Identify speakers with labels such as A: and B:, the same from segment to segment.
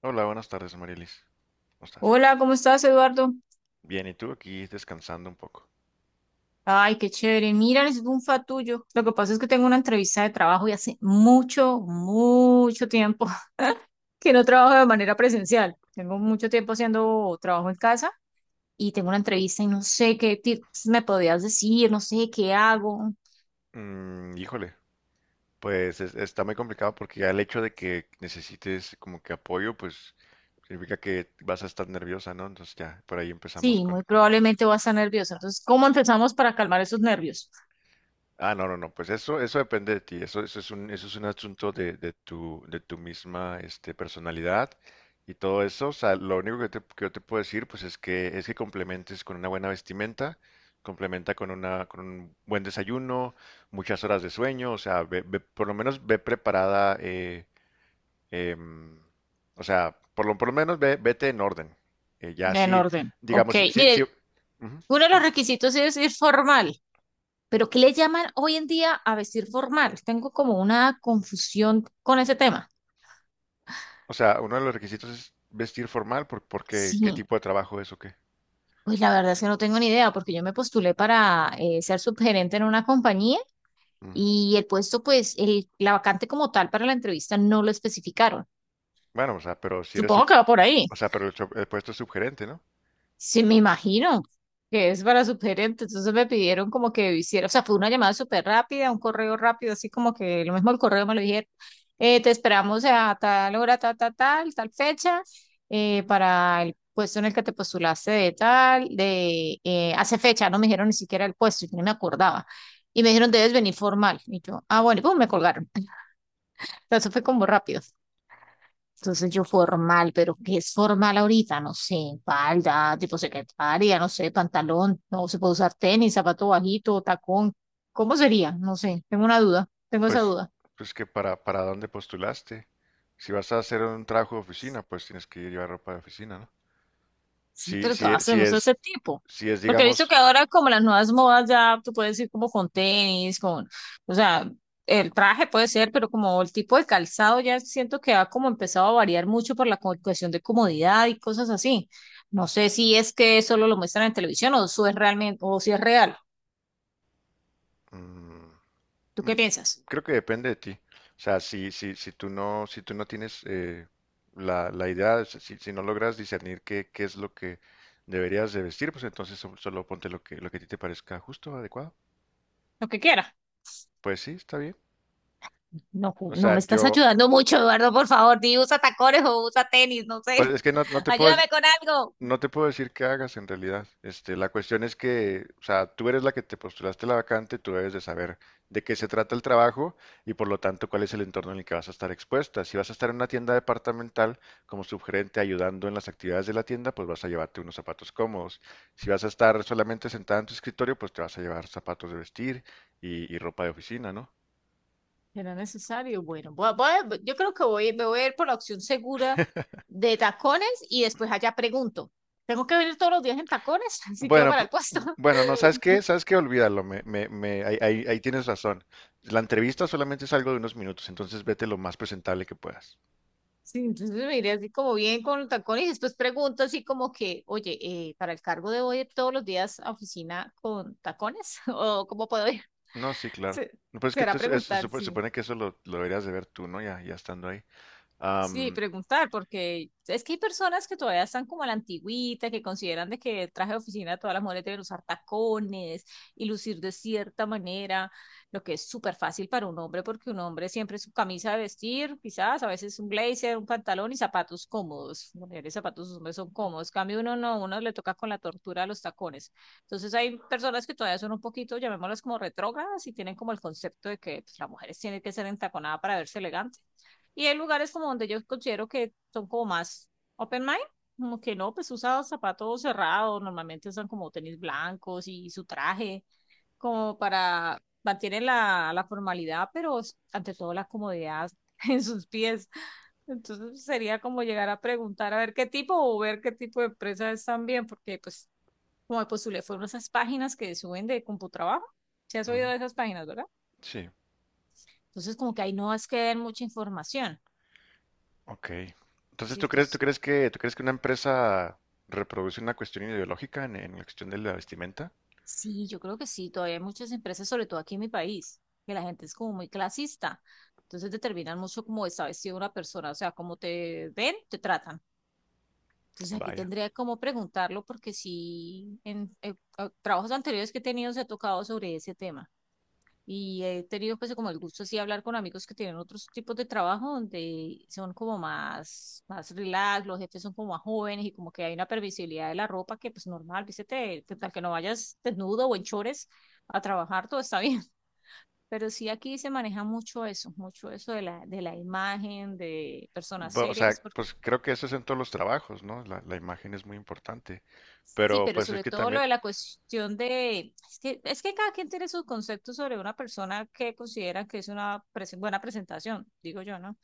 A: Hola, buenas tardes, Marielis. ¿Cómo estás?
B: Hola, ¿cómo estás, Eduardo?
A: Bien, ¿y tú aquí descansando un poco?
B: Ay, qué chévere. Mira, necesito un fatullo. Lo que pasa es que tengo una entrevista de trabajo y hace mucho, mucho tiempo que no trabajo de manera presencial. Tengo mucho tiempo haciendo trabajo en casa y tengo una entrevista y no sé qué tips me podrías decir, no sé qué hago.
A: Híjole, pues está muy complicado porque ya el hecho de que necesites como que apoyo, pues significa que vas a estar nerviosa, ¿no? Entonces ya, por ahí empezamos
B: Sí,
A: con,
B: muy
A: con- con-
B: probablemente voy a estar nerviosa. Entonces, ¿cómo empezamos para calmar esos nervios?
A: Ah, no, no, no, pues eso depende de ti, eso, eso es un asunto de tu misma, este, personalidad y todo eso, o sea, lo único que, que yo te puedo decir, pues es que complementes con una buena vestimenta, complementa con una, con un buen desayuno, muchas horas de sueño, o sea, por lo menos ve preparada, em, o sea, por lo menos ve, vete en orden, ya
B: En
A: sí,
B: orden. Ok,
A: digamos, sí, sí, sí,
B: mire,
A: ujú.
B: uno de los requisitos es ir formal. Pero ¿qué le llaman hoy en día a vestir formal? Tengo como una confusión con ese tema.
A: O sea, uno de los requisitos es vestir formal porque qué
B: Sí.
A: tipo de trabajo es o qué.
B: Pues la verdad es que no tengo ni idea, porque yo me postulé para ser subgerente en una compañía
A: Ujú.
B: y el puesto, pues, el, la vacante como tal para la entrevista no lo especificaron.
A: Bueno, o sea, pero si
B: Supongo que va por ahí.
A: o sea, pero el puesto es subgerente, ¿no?
B: Sí, me imagino que es para su gerente. Entonces me pidieron como que hiciera, o sea, fue una llamada súper rápida, un correo rápido, así como que lo mismo el correo me lo dijeron. Te esperamos a tal hora, tal, tal, tal, tal fecha, para el puesto en el que te postulaste de tal, de hace fecha, no me dijeron ni siquiera el puesto, yo no me acordaba. Y me dijeron, debes venir formal. Y yo, ah, bueno, y pum, me colgaron. Eso fue como rápido. Entonces yo formal, pero ¿qué es formal ahorita? No sé, falda, tipo secretaria, no sé, pantalón, no se puede usar tenis, zapato bajito, tacón. ¿Cómo sería? No sé, tengo una duda, tengo esa
A: Pues,
B: duda.
A: pues que para dónde postulaste. Si vas a hacer un trabajo de oficina, pues tienes que llevar ropa de oficina, ¿no?
B: Sí,
A: Si,
B: pero
A: si, e-
B: todas
A: si
B: tenemos
A: es,
B: ese tipo.
A: si es,
B: Porque he visto
A: digamos,
B: que ahora como las nuevas modas ya tú puedes ir como con tenis, con, o sea, el traje puede ser, pero como el tipo de calzado ya siento que ha como empezado a variar mucho por la cuestión de comodidad y cosas así. No sé si es que solo lo muestran en televisión o eso es realmente, o si es real.
A: mm.
B: ¿Tú qué piensas?
A: Creo que depende de ti. O sea, si tú no, si tú no tienes la, la idea, o sea, si, si no logras discernir qué, qué es lo que deberías de vestir, pues entonces solo ponte lo que a ti te parezca justo, adecuado.
B: Lo que quiera.
A: Pues sí, está bien.
B: No,
A: O
B: no
A: sea,
B: me estás
A: yo,
B: ayudando mucho, Eduardo, por favor, di usa tacones o usa tenis, no
A: pues
B: sé.
A: es que no, no te puedo,
B: Ayúdame con algo.
A: No te puedo decir qué hagas en realidad. Este, la cuestión es que, o sea, tú eres la que te postulaste la vacante, tú debes de saber de qué se trata el trabajo y por lo tanto cuál es el entorno en el que vas a estar expuesta. Si vas a estar en una tienda departamental como subgerente ayudando en las actividades de la tienda, pues vas a llevarte unos zapatos cómodos. Si vas a estar solamente sentada en tu escritorio, pues te vas a llevar zapatos de vestir y ropa de oficina, ¿no?
B: ¿Será necesario? Bueno, yo creo que voy, me voy a ir por la opción segura de tacones y después allá pregunto. ¿Tengo que venir todos los días en tacones? Así quedo
A: Bueno,
B: para
A: pu-
B: el puesto.
A: bueno, no, ¿sabes qué? ¿Sabes qué? Olvídalo, ahí tienes razón. La entrevista solamente es algo de unos minutos, entonces vete lo más presentable que puedas.
B: Sí, entonces me iré así como bien con los tacones y después pregunto así como que, oye, ¿para el cargo debo ir todos los días a oficina con tacones? ¿O cómo puedo ir?
A: No, sí, claro.
B: Se-
A: No, pues es que
B: Será preguntar,
A: se
B: sí.
A: supone que eso lo deberías de ver tú, ¿no? Ya, ya estando ahí.
B: Sí,
A: Am,
B: preguntar, porque es que hay personas que todavía están como a la antigüita, que consideran de que el traje de oficina todas las mujeres deben usar tacones y lucir de cierta manera, lo que es súper fácil para un hombre, porque un hombre siempre su camisa de vestir, quizás, a veces un blazer, un pantalón y zapatos cómodos. Las mujeres, zapatos, los hombres son cómodos. En cambio uno no, uno le toca con la tortura de los tacones. Entonces hay personas que todavía son un poquito, llamémoslas como retrógradas y tienen como el concepto de que pues, la mujer tiene que ser entaconada para verse elegante y hay lugares como donde yo considero que son como más open mind, como que no, pues usa zapatos cerrados, normalmente usan como tenis blancos y su traje, como para mantener la, la formalidad, pero ante todo la comodidad en sus pies. Entonces sería como llegar a preguntar a ver qué tipo o ver qué tipo de empresa es también, porque pues como de postulé fueron esas páginas que suben de CompuTrabajo. Se has oído
A: ujú,
B: de esas páginas, ¿verdad?
A: sí,
B: Entonces como que ahí no es que den mucha información.
A: ok. Entonces,
B: Sí, entonces
A: ¿tú crees que una empresa reproduce una cuestión ideológica en la cuestión de la vestimenta?
B: sí, yo creo que sí, todavía hay muchas empresas, sobre todo aquí en mi país, que la gente es como muy clasista. Entonces determinan mucho cómo está vestida una persona, o sea, cómo te ven, te tratan. Entonces aquí
A: Vaya.
B: tendría como preguntarlo porque sí, en trabajos anteriores que he tenido se ha tocado sobre ese tema. Y he tenido pues como el gusto así de hablar con amigos que tienen otros tipos de trabajo donde son como más, más relax, los jefes son como más jóvenes y como que hay una permisibilidad de la ropa que pues normal, vístete, que tal que no vayas desnudo o en chores a trabajar, todo está bien. Pero sí aquí se maneja mucho eso de la imagen, de personas
A: O
B: serias,
A: sea,
B: pues porque-
A: pues creo que eso es en todos los trabajos, ¿no? La imagen es muy importante.
B: sí,
A: Pero
B: pero
A: pues es
B: sobre
A: que
B: todo lo
A: también,
B: de la cuestión de, es que cada quien tiene sus conceptos sobre una persona que considera que es una buena presentación, digo yo, ¿no?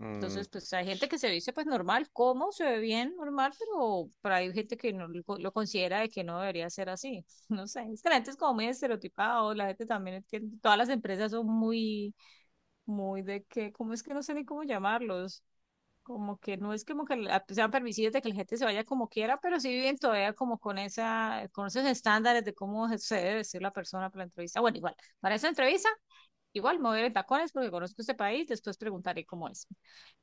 A: mm,
B: Entonces, pues hay gente
A: s-
B: que se viste pues normal, como se ve bien normal, pero hay gente que no lo, lo considera de que no debería ser así. No sé, es que la gente es como muy estereotipada, la gente también es que todas las empresas son muy, muy de que, ¿cómo es que no sé ni cómo llamarlos? Como que no es como que sean permisivos de que la gente se vaya como quiera, pero sí viven todavía como con esa, con esos estándares de cómo se debe vestir la persona para la entrevista. Bueno, igual, para esa entrevista igual mover en tacones porque conozco este país, después preguntaré cómo es.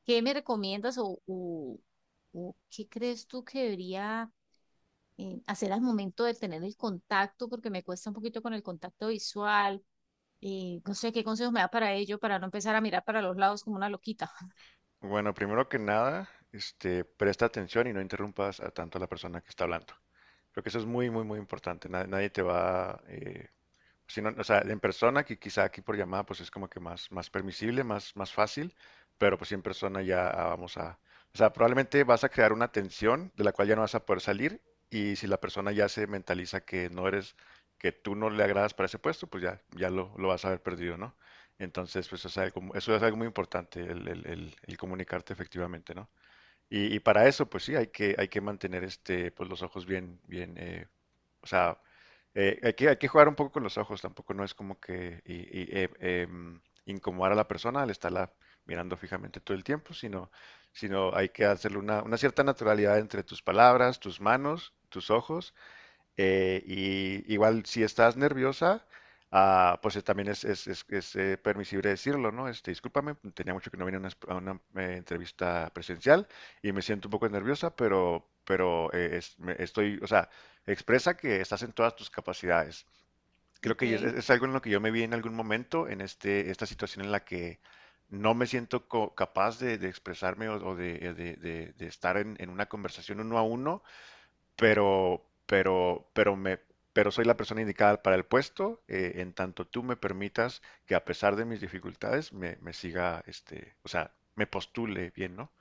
B: ¿Qué me recomiendas o, o qué crees tú que debería hacer al momento de tener el contacto? Porque me cuesta un poquito con el contacto visual. No sé qué consejos me da para ello, para no empezar a mirar para los lados como una loquita.
A: bueno, primero que nada, este, presta atención y no interrumpas a tanto a la persona que está hablando. Creo que eso es muy, muy, muy importante. Nadie te va a... Si no, o sea, en persona, que quizá aquí por llamada, pues es como que más, más permisible, más, más fácil, pero pues sí en persona ya vamos a, o sea, probablemente vas a crear una tensión de la cual ya no vas a poder salir y si la persona ya se mentaliza que no eres, que tú no le agradas para ese puesto, pues ya, ya lo vas a haber perdido, ¿no? Entonces, pues o sea, el eso es algo muy importante, el comunicarte efectivamente, ¿no? Y para eso, pues sí, hay que mantener este, pues, los ojos bien, bien, o sea, hay que jugar un poco con los ojos, tampoco no es como que y, incomodar a la persona al estarla mirando fijamente todo el tiempo, sino hay que hacerle una cierta naturalidad entre tus palabras, tus manos, tus ojos, y igual, si estás nerviosa, también es permisible decirlo, ¿no? Este, discúlpame, tenía mucho que no venía a una, entrevista presencial y me siento un poco nerviosa, pero estoy, o sea, expresa que estás en todas tus capacidades. Creo que
B: Ok.
A: es algo en lo que yo me vi en algún momento, en este, esta situación en la que no me siento capaz de expresarme o de, de estar en una conversación uno a uno pero, pero soy la persona indicada para el puesto, en tanto tú me permitas que a pesar de mis dificultades me, me siga, este, o sea, me postule bien, ¿no?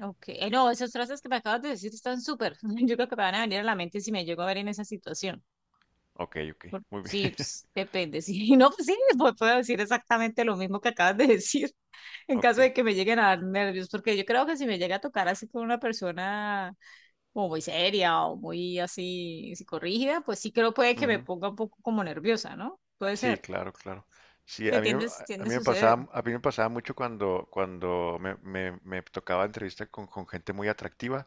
B: Ok, no, esas frases que me acabas de decir están súper. Yo creo que me van a venir a la mente si me llego a ver en esa situación.
A: Ok, ok,
B: Por-
A: muy bien,
B: sí, pues, depende. Sí, no, pues sí, pues, puedo decir exactamente lo mismo que acabas de decir. En
A: ok.
B: caso de que me lleguen a dar nervios, porque yo creo que si me llega a tocar así con una persona como muy seria o muy así psicorrígida, pues sí creo puede que me
A: Ujú.
B: ponga un poco como nerviosa, ¿no? Puede
A: Sí,
B: ser.
A: claro, claro. Sí,
B: Se tiende,
A: a
B: tiende a
A: mí me
B: suceder.
A: pasaba, a mí me pasaba mucho cuando, cuando me tocaba entrevista con gente muy atractiva,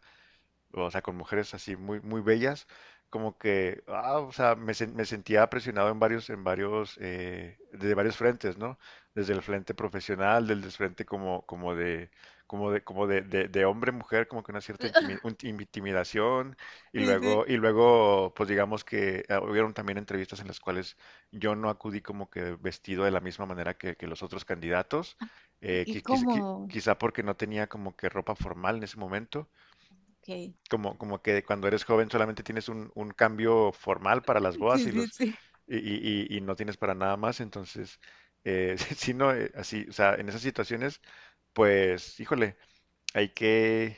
A: o sea, con mujeres así muy, muy bellas, como que, o sea, me sentía presionado en varios, de varios frentes, ¿no? Desde el frente profesional, desde el frente como de hombre-mujer, como que una cierta intimidación,
B: Sí, sí.
A: y luego, pues digamos que hubieron también entrevistas en las cuales yo no acudí como que vestido de la misma manera que los otros candidatos,
B: Y como,
A: quizá porque no tenía como que ropa formal en ese momento,
B: ok.
A: como que cuando eres joven solamente tienes un cambio formal para las bodas
B: Sí,
A: y
B: sí,
A: los
B: sí.
A: y no tienes para nada más, entonces si no así, o sea, en esas situaciones, pues, híjole, hay que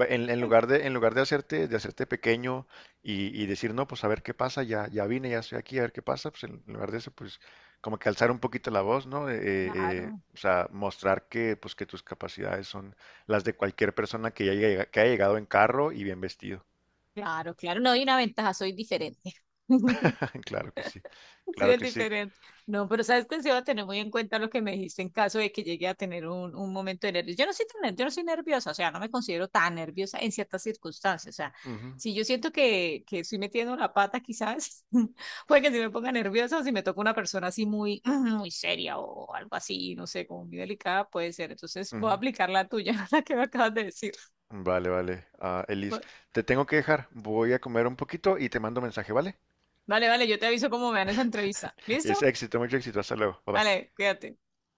A: va, en lugar de hacerte pequeño y decir no, pues a ver qué pasa, ya ya vine, ya estoy aquí, a ver qué pasa, pues en lugar de eso, pues como que alzar un poquito la voz, ¿no?
B: Claro,
A: O sea, mostrar que pues que tus capacidades son las de cualquier persona que que haya llegado en carro y bien vestido.
B: claro, claro. No hay una ventaja, soy diferente.
A: Claro que sí,
B: Sí,
A: claro
B: es
A: que sí.
B: diferente. No, pero sabes que sí voy a tener muy en cuenta lo que me dijiste en caso de que llegue a tener un momento de nervios. Yo no soy tan, yo no soy nerviosa, o sea, no me considero tan nerviosa en ciertas circunstancias. O sea,
A: Ujú,
B: si yo siento que estoy metiendo la pata, quizás puede que si me ponga nerviosa o si me toca una persona así muy, muy seria o algo así, no sé, como muy delicada, puede ser. Entonces
A: ujú.
B: voy a aplicar la tuya, la que me acabas de decir.
A: Vale, vale. Ah, Elis,
B: Bueno,
A: te tengo que dejar. Voy a comer un poquito y te mando mensaje, ¿vale?
B: vale, vale, yo te aviso cómo me dan esa entrevista.
A: Es
B: ¿Listo?
A: éxito, mucho éxito. Hasta luego. Bye bye.
B: Vale, cuídate.